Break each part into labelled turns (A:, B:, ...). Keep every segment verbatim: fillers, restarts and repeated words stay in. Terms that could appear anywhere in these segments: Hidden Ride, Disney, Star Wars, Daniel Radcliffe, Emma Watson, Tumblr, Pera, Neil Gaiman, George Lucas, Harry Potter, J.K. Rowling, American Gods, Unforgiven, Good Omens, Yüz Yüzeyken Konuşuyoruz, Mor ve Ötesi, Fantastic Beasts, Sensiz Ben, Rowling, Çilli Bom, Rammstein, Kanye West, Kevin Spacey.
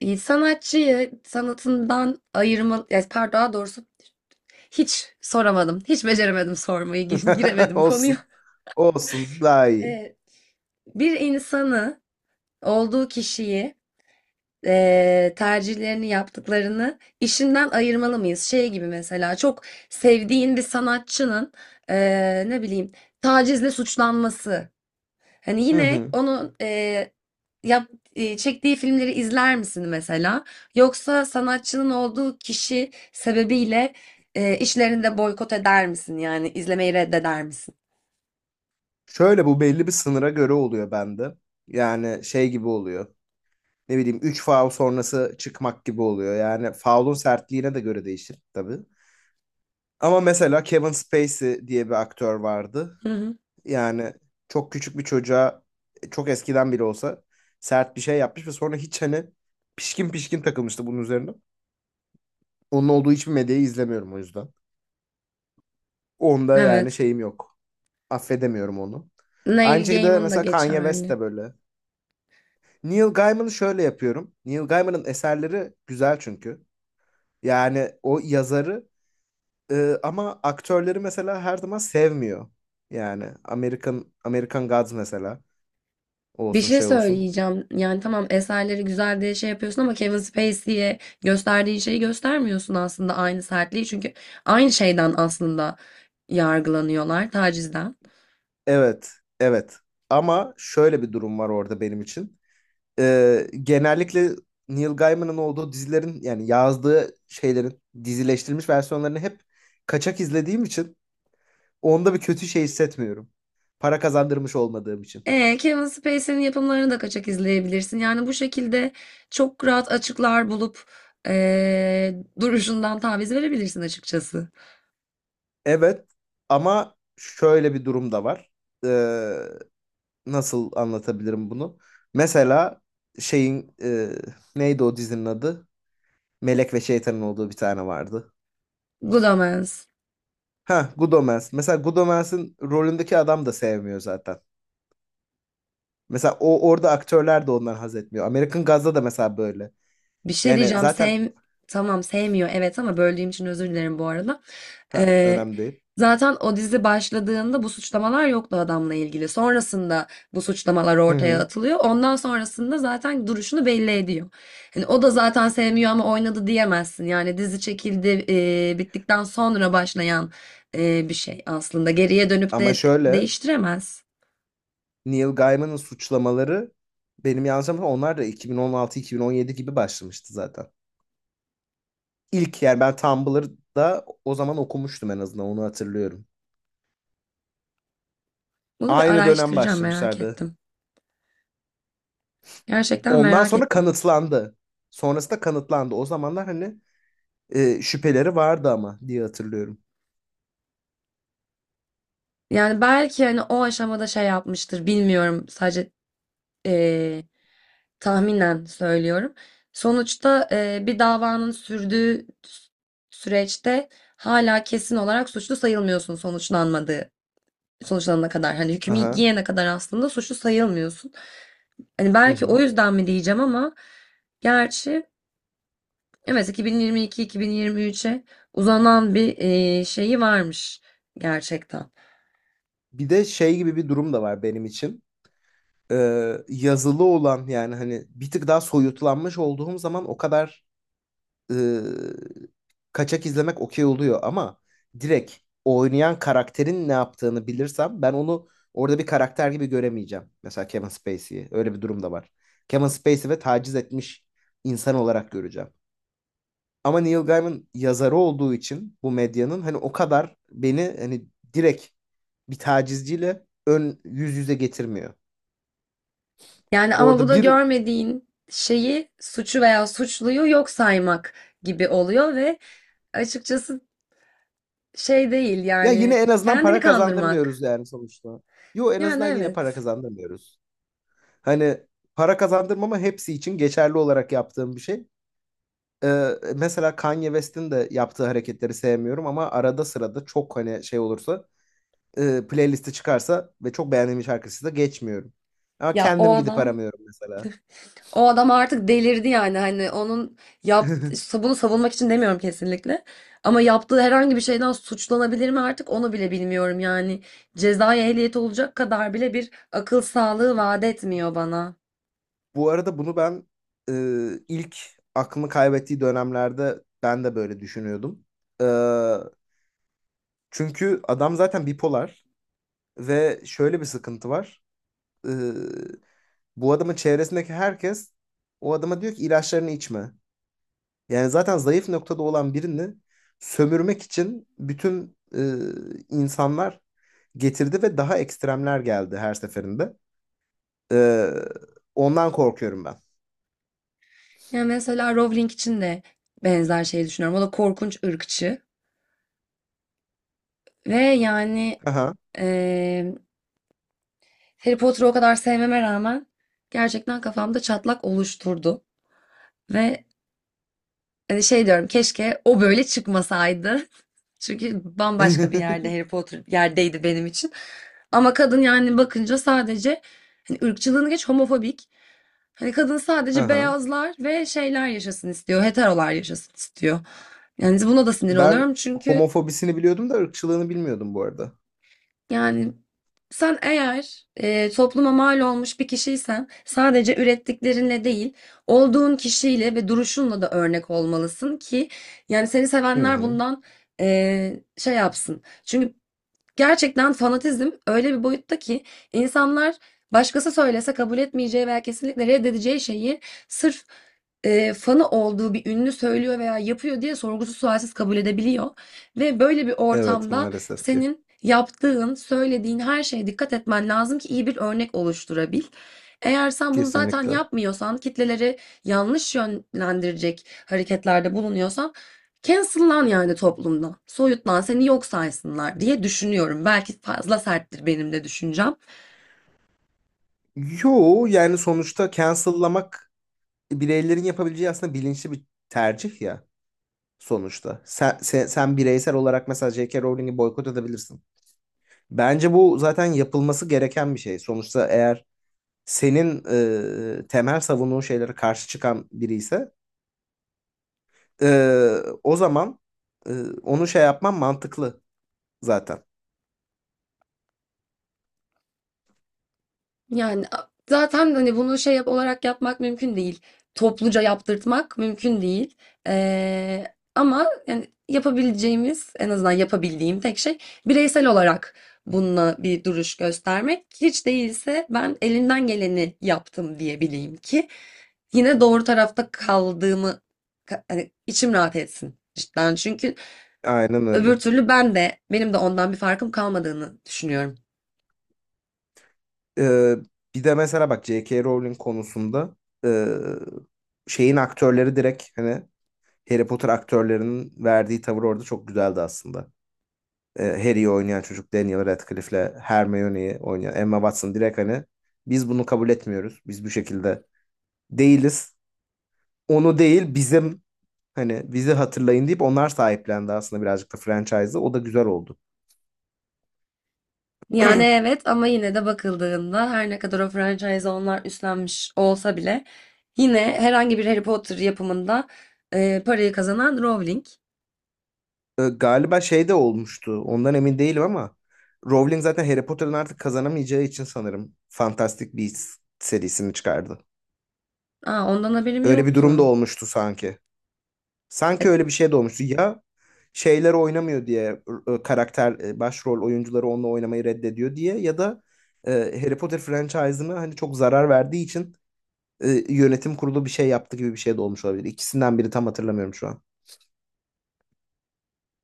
A: İyi, sanatçıyı sanatından ayırma, yani pardon daha doğrusu hiç soramadım. Hiç beceremedim sormayı, gi- giremedim konuya.
B: Olsun. Olsun daha iyi.
A: Ee, bir insanı, olduğu kişiyi, eee, tercihlerini yaptıklarını işinden ayırmalı mıyız? Şey gibi mesela çok sevdiğin bir sanatçının eee, ne bileyim tacizle suçlanması. Hani
B: Hı
A: yine
B: hı.
A: onun eee, yap, eee, çektiği filmleri izler misin mesela? Yoksa sanatçının olduğu kişi sebebiyle eee, işlerini de boykot eder misin? Yani izlemeyi reddeder misin?
B: Şöyle bu belli bir sınıra göre oluyor bende. Yani şey gibi oluyor. Ne bileyim üç faul sonrası çıkmak gibi oluyor. Yani faulun sertliğine de göre değişir tabii. Ama mesela Kevin Spacey diye bir aktör vardı.
A: Hı hı.
B: Yani çok küçük bir çocuğa çok eskiden bile olsa sert bir şey yapmış ve sonra hiç hani pişkin pişkin takılmıştı bunun üzerine. Onun olduğu hiçbir medyayı izlemiyorum o yüzden. Onda yani
A: Evet.
B: şeyim yok. affedemiyorum onu. Aynı
A: Neil
B: şekilde
A: Gaiman da
B: mesela Kanye West
A: geçerli.
B: de böyle. Neil Gaiman'ı şöyle yapıyorum. Neil Gaiman'ın eserleri güzel çünkü. Yani o yazarı e, ama aktörleri mesela her zaman sevmiyor. Yani American American Gods mesela
A: Bir
B: olsun
A: şey
B: şey olsun.
A: söyleyeceğim. Yani tamam, eserleri güzel diye şey yapıyorsun ama Kevin Spacey'e gösterdiğin şeyi göstermiyorsun aslında, aynı sertliği. Çünkü aynı şeyden aslında yargılanıyorlar, tacizden.
B: Evet, evet. Ama şöyle bir durum var orada benim için. E, genellikle Neil Gaiman'ın olduğu dizilerin yani yazdığı şeylerin dizileştirilmiş versiyonlarını hep kaçak izlediğim için, Onda bir kötü şey hissetmiyorum. Para kazandırmış olmadığım için.
A: E, Kevin Spacey'nin yapımlarını da kaçak izleyebilirsin. Yani bu şekilde çok rahat açıklar bulup e, duruşundan taviz verebilirsin açıkçası.
B: Evet ama şöyle bir durum da var. Ee, nasıl anlatabilirim bunu? Mesela şeyin e, neydi o dizinin adı? Melek ve Şeytan'ın olduğu bir tane vardı.
A: Good Omens.
B: Ha, Good Omens. Mesela Good Omens'in rolündeki adam da sevmiyor zaten. Mesela o orada aktörler de ondan haz etmiyor. American Gods'da da mesela böyle.
A: Bir şey
B: Yani
A: diyeceğim.
B: zaten.
A: Sev tamam, sevmiyor, evet, ama böldüğüm için özür dilerim bu arada.
B: Ha,
A: Ee,
B: önemli değil.
A: Zaten o dizi başladığında bu suçlamalar yoktu adamla ilgili. Sonrasında bu suçlamalar
B: Hı
A: ortaya
B: hı.
A: atılıyor. Ondan sonrasında zaten duruşunu belli ediyor. Hani o da zaten sevmiyor ama oynadı diyemezsin. Yani dizi çekildi, e, bittikten sonra başlayan e, bir şey aslında. Geriye dönüp
B: Ama
A: de
B: şöyle
A: değiştiremez.
B: Neil Gaiman'ın suçlamaları benim yanlış hatırlamıyorsam onlar da iki bin on altı-iki bin on yedi gibi başlamıştı zaten. İlk yani ben Tumblr'da o zaman okumuştum, en azından onu hatırlıyorum.
A: Bunu bir
B: Aynı dönem
A: araştıracağım, merak
B: başlamışlardı.
A: ettim. Gerçekten
B: Ondan
A: merak
B: sonra
A: ettim.
B: kanıtlandı. Sonrası da kanıtlandı. O zamanlar hani e, şüpheleri vardı ama diye hatırlıyorum.
A: Yani belki hani o aşamada şey yapmıştır, bilmiyorum, sadece eee, tahminen söylüyorum. Sonuçta eee, bir davanın sürdüğü sü- süreçte hala kesin olarak suçlu sayılmıyorsun sonuçlanmadığı sonuçlanana kadar. Hani hükmü
B: Aha.
A: giyene kadar aslında suçlu sayılmıyorsun. Hani
B: Hı
A: belki o
B: hı.
A: yüzden mi diyeceğim ama gerçi evet, iki bin yirmi iki iki bin yirmi üçe uzanan bir eee, şeyi varmış gerçekten.
B: Bir de şey gibi bir durum da var benim için. Ee, yazılı olan yani hani bir tık daha soyutlanmış olduğum zaman o kadar e, kaçak izlemek okey oluyor ama direkt oynayan karakterin ne yaptığını bilirsem ben onu orada bir karakter gibi göremeyeceğim. Mesela Kevin Spacey'i. Öyle bir durum da var. Kevin Spacey ve taciz etmiş insan olarak göreceğim. Ama Neil Gaiman yazarı olduğu için bu medyanın hani o kadar beni hani direkt bir tacizciyle ön yüz yüze getirmiyor.
A: Yani ama bu
B: Orada
A: da
B: bir
A: görmediğin şeyi, suçu veya suçluyu yok saymak gibi oluyor ve açıkçası şey değil,
B: ya yine
A: yani
B: en azından
A: kendini
B: para kazandırmıyoruz
A: kandırmak.
B: yani sonuçta. Yo en
A: Yani
B: azından yine para
A: evet.
B: kazandırmıyoruz. Hani para kazandırmama hepsi için geçerli olarak yaptığım bir şey. Ee, mesela Kanye West'in de yaptığı hareketleri sevmiyorum ama arada sırada çok hani şey olursa e, playlisti çıkarsa ve çok beğendiğim şarkısı da geçmiyorum. Ama
A: Ya o
B: kendim gidip
A: adam,
B: aramıyorum mesela.
A: o adam artık delirdi yani, hani onun yaptığı, bunu savunmak için demiyorum kesinlikle. Ama yaptığı herhangi bir şeyden suçlanabilir mi artık, onu bile bilmiyorum yani. Cezai ehliyeti olacak kadar bile bir akıl sağlığı vaat etmiyor bana.
B: Bu arada bunu ben e, ilk aklını kaybettiği dönemlerde ben de böyle düşünüyordum. Ee, çünkü adam zaten bipolar ve şöyle bir sıkıntı var. E, Bu adamın çevresindeki herkes o adama diyor ki ilaçlarını içme. Yani zaten zayıf noktada olan birini sömürmek için bütün e, insanlar getirdi ve daha ekstremler geldi her seferinde. E, ondan korkuyorum ben.
A: Ya mesela Rowling için de benzer şeyi düşünüyorum. O da korkunç ırkçı. Ve yani
B: Aha.
A: eee Harry Potter'ı o kadar sevmeme rağmen gerçekten kafamda çatlak oluşturdu. Ve hani şey diyorum, keşke o böyle çıkmasaydı. Çünkü bambaşka bir yerde Harry Potter yerdeydi benim için. Ama kadın yani bakınca sadece hani ırkçılığını geç, homofobik. Hani kadın sadece
B: Aha.
A: beyazlar ve şeyler yaşasın istiyor. Heterolar yaşasın istiyor. Yani buna da sinir
B: Ben
A: oluyorum çünkü
B: homofobisini biliyordum da ırkçılığını bilmiyordum bu arada.
A: yani sen eğer e, topluma mal olmuş bir kişiysen sadece ürettiklerinle değil, olduğun kişiyle ve duruşunla da örnek olmalısın ki yani seni
B: Hı
A: sevenler
B: hı.
A: bundan e, şey yapsın. Çünkü gerçekten fanatizm öyle bir boyutta ki insanlar başkası söylese kabul etmeyeceği veya kesinlikle reddedeceği şeyi sırf e, fanı olduğu bir ünlü söylüyor veya yapıyor diye sorgusuz sualsiz kabul edebiliyor. Ve böyle bir
B: Evet
A: ortamda
B: maalesef ki.
A: senin yaptığın, söylediğin her şeye dikkat etmen lazım ki iyi bir örnek oluşturabil. Eğer sen bunu zaten
B: Kesinlikle.
A: yapmıyorsan, kitleleri yanlış yönlendirecek hareketlerde bulunuyorsan cancel'lan yani toplumdan. Soyutlan, seni yok saysınlar diye düşünüyorum. Belki fazla serttir benim de düşüncem.
B: Yo yani sonuçta cancel'lamak bireylerin yapabileceği aslında bilinçli bir tercih ya sonuçta. Sen, sen, sen bireysel olarak mesela J K. Rowling'i boykot edebilirsin. Bence bu zaten yapılması gereken bir şey. Sonuçta eğer senin e, temel savunduğun şeylere karşı çıkan biri ise e, o zaman e, onu şey yapman mantıklı zaten.
A: Yani a- zaten hani bunu şey yap olarak yapmak mümkün değil. Topluca yaptırtmak mümkün değil. Ee, Ama yani yapabileceğimiz, en azından yapabildiğim tek şey bireysel olarak bununla bir duruş göstermek. Hiç değilse ben elimden geleni yaptım diyebileyim ki yine doğru tarafta kaldığımı, ka- hani içim rahat etsin cidden. Çünkü
B: Aynen öyle.
A: öbür türlü ben de benim de ondan bir farkım kalmadığını düşünüyorum.
B: E, bir de mesela bak J K. Rowling konusunda e, şeyin aktörleri direkt hani Harry Potter aktörlerinin verdiği tavır orada çok güzeldi aslında. Ee, Harry'i oynayan çocuk Daniel Radcliffe'le Hermione'yi oynayan Emma Watson direkt hani biz bunu kabul etmiyoruz. Biz bu şekilde değiliz. Onu değil bizim hani bizi hatırlayın deyip onlar sahiplendi aslında birazcık da franchise'ı. O da güzel oldu.
A: Yani evet, ama yine de bakıldığında her ne kadar o franchise onlar üstlenmiş olsa bile yine herhangi bir Harry Potter yapımında e, parayı kazanan Rowling.
B: Ee, galiba şey de olmuştu. Ondan emin değilim ama Rowling zaten Harry Potter'ın artık kazanamayacağı için sanırım Fantastic Beasts serisini çıkardı.
A: Aa, ondan haberim
B: Öyle bir
A: yoktu.
B: durum da olmuştu sanki. Sanki
A: E,
B: öyle bir şey de olmuştu. Ya şeyler oynamıyor diye e, karakter e, başrol oyuncuları onunla oynamayı reddediyor diye ya da e, Harry Potter franchise'ına hani çok zarar verdiği için e, yönetim kurulu bir şey yaptı gibi bir şey de olmuş olabilir. İkisinden biri tam hatırlamıyorum şu an.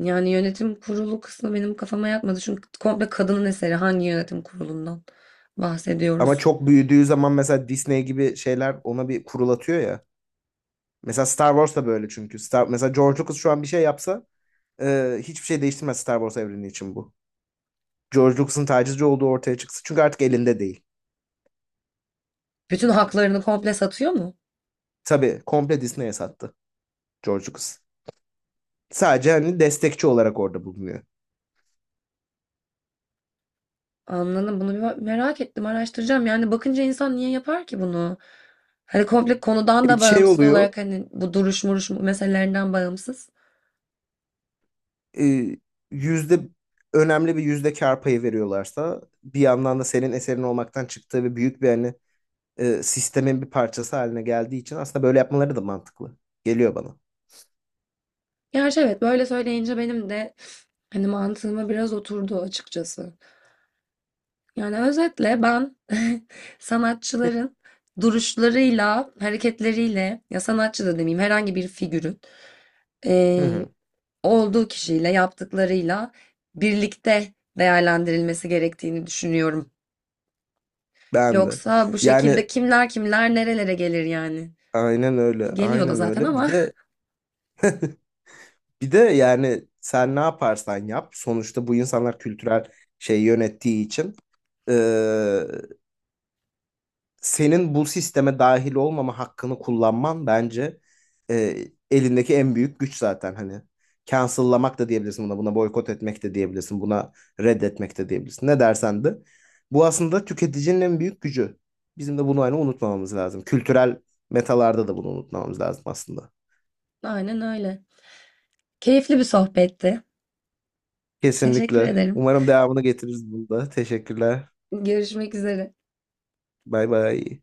A: yani yönetim kurulu kısmı benim kafama yatmadı. Çünkü komple kadının eseri, hangi yönetim kurulundan
B: Ama
A: bahsediyoruz?
B: çok büyüdüğü zaman mesela Disney gibi şeyler ona bir kurul atıyor ya. Mesela Star Wars da böyle çünkü. Star, mesela George Lucas şu an bir şey yapsa e, hiçbir şey değiştirmez Star Wars evreni için bu. George Lucas'ın tacizci olduğu ortaya çıksın. Çünkü artık elinde değil.
A: Bütün haklarını komple satıyor mu?
B: Tabii komple Disney'e sattı. George Lucas. Sadece hani destekçi olarak orada bulunuyor.
A: Anladım. Bunu bir bak- merak ettim, araştıracağım. Yani bakınca insan niye yapar ki bunu? Hani komple konudan
B: E,
A: da
B: şey
A: bağımsız
B: oluyor,
A: olarak, hani bu duruş muruş meselelerinden bağımsız.
B: e, yüzde önemli bir yüzde kar payı veriyorlarsa bir yandan da senin eserin olmaktan çıktığı ve büyük bir hani e, sistemin bir parçası haline geldiği için aslında böyle yapmaları da mantıklı. Geliyor bana.
A: Gerçi evet, böyle söyleyince benim de hani mantığıma biraz oturdu açıkçası. Yani özetle ben sanatçıların duruşlarıyla, hareketleriyle, ya sanatçı da demeyeyim, herhangi bir figürün
B: Hı hı.
A: olduğu kişiyle, yaptıklarıyla birlikte değerlendirilmesi gerektiğini düşünüyorum.
B: Ben de.
A: Yoksa bu
B: Yani
A: şekilde kimler kimler nerelere gelir yani?
B: aynen öyle.
A: Geliyor da
B: Aynen
A: zaten
B: öyle. Bir
A: ama
B: de bir de yani sen ne yaparsan yap sonuçta bu insanlar kültürel şey yönettiği için e, senin bu sisteme dahil olmama hakkını kullanman bence e, elindeki en büyük güç zaten hani. Cancel'lamak da diyebilirsin buna, buna boykot etmek de diyebilirsin, buna reddetmek de diyebilirsin. Ne dersen de. Bu aslında tüketicinin en büyük gücü. Bizim de bunu hani unutmamamız lazım. Kültürel metalarda da bunu unutmamamız lazım aslında.
A: aynen öyle. Keyifli bir sohbetti. Teşekkür
B: Kesinlikle.
A: ederim.
B: Umarım devamını getiririz bunda. Teşekkürler.
A: Görüşmek üzere.
B: Bay bay.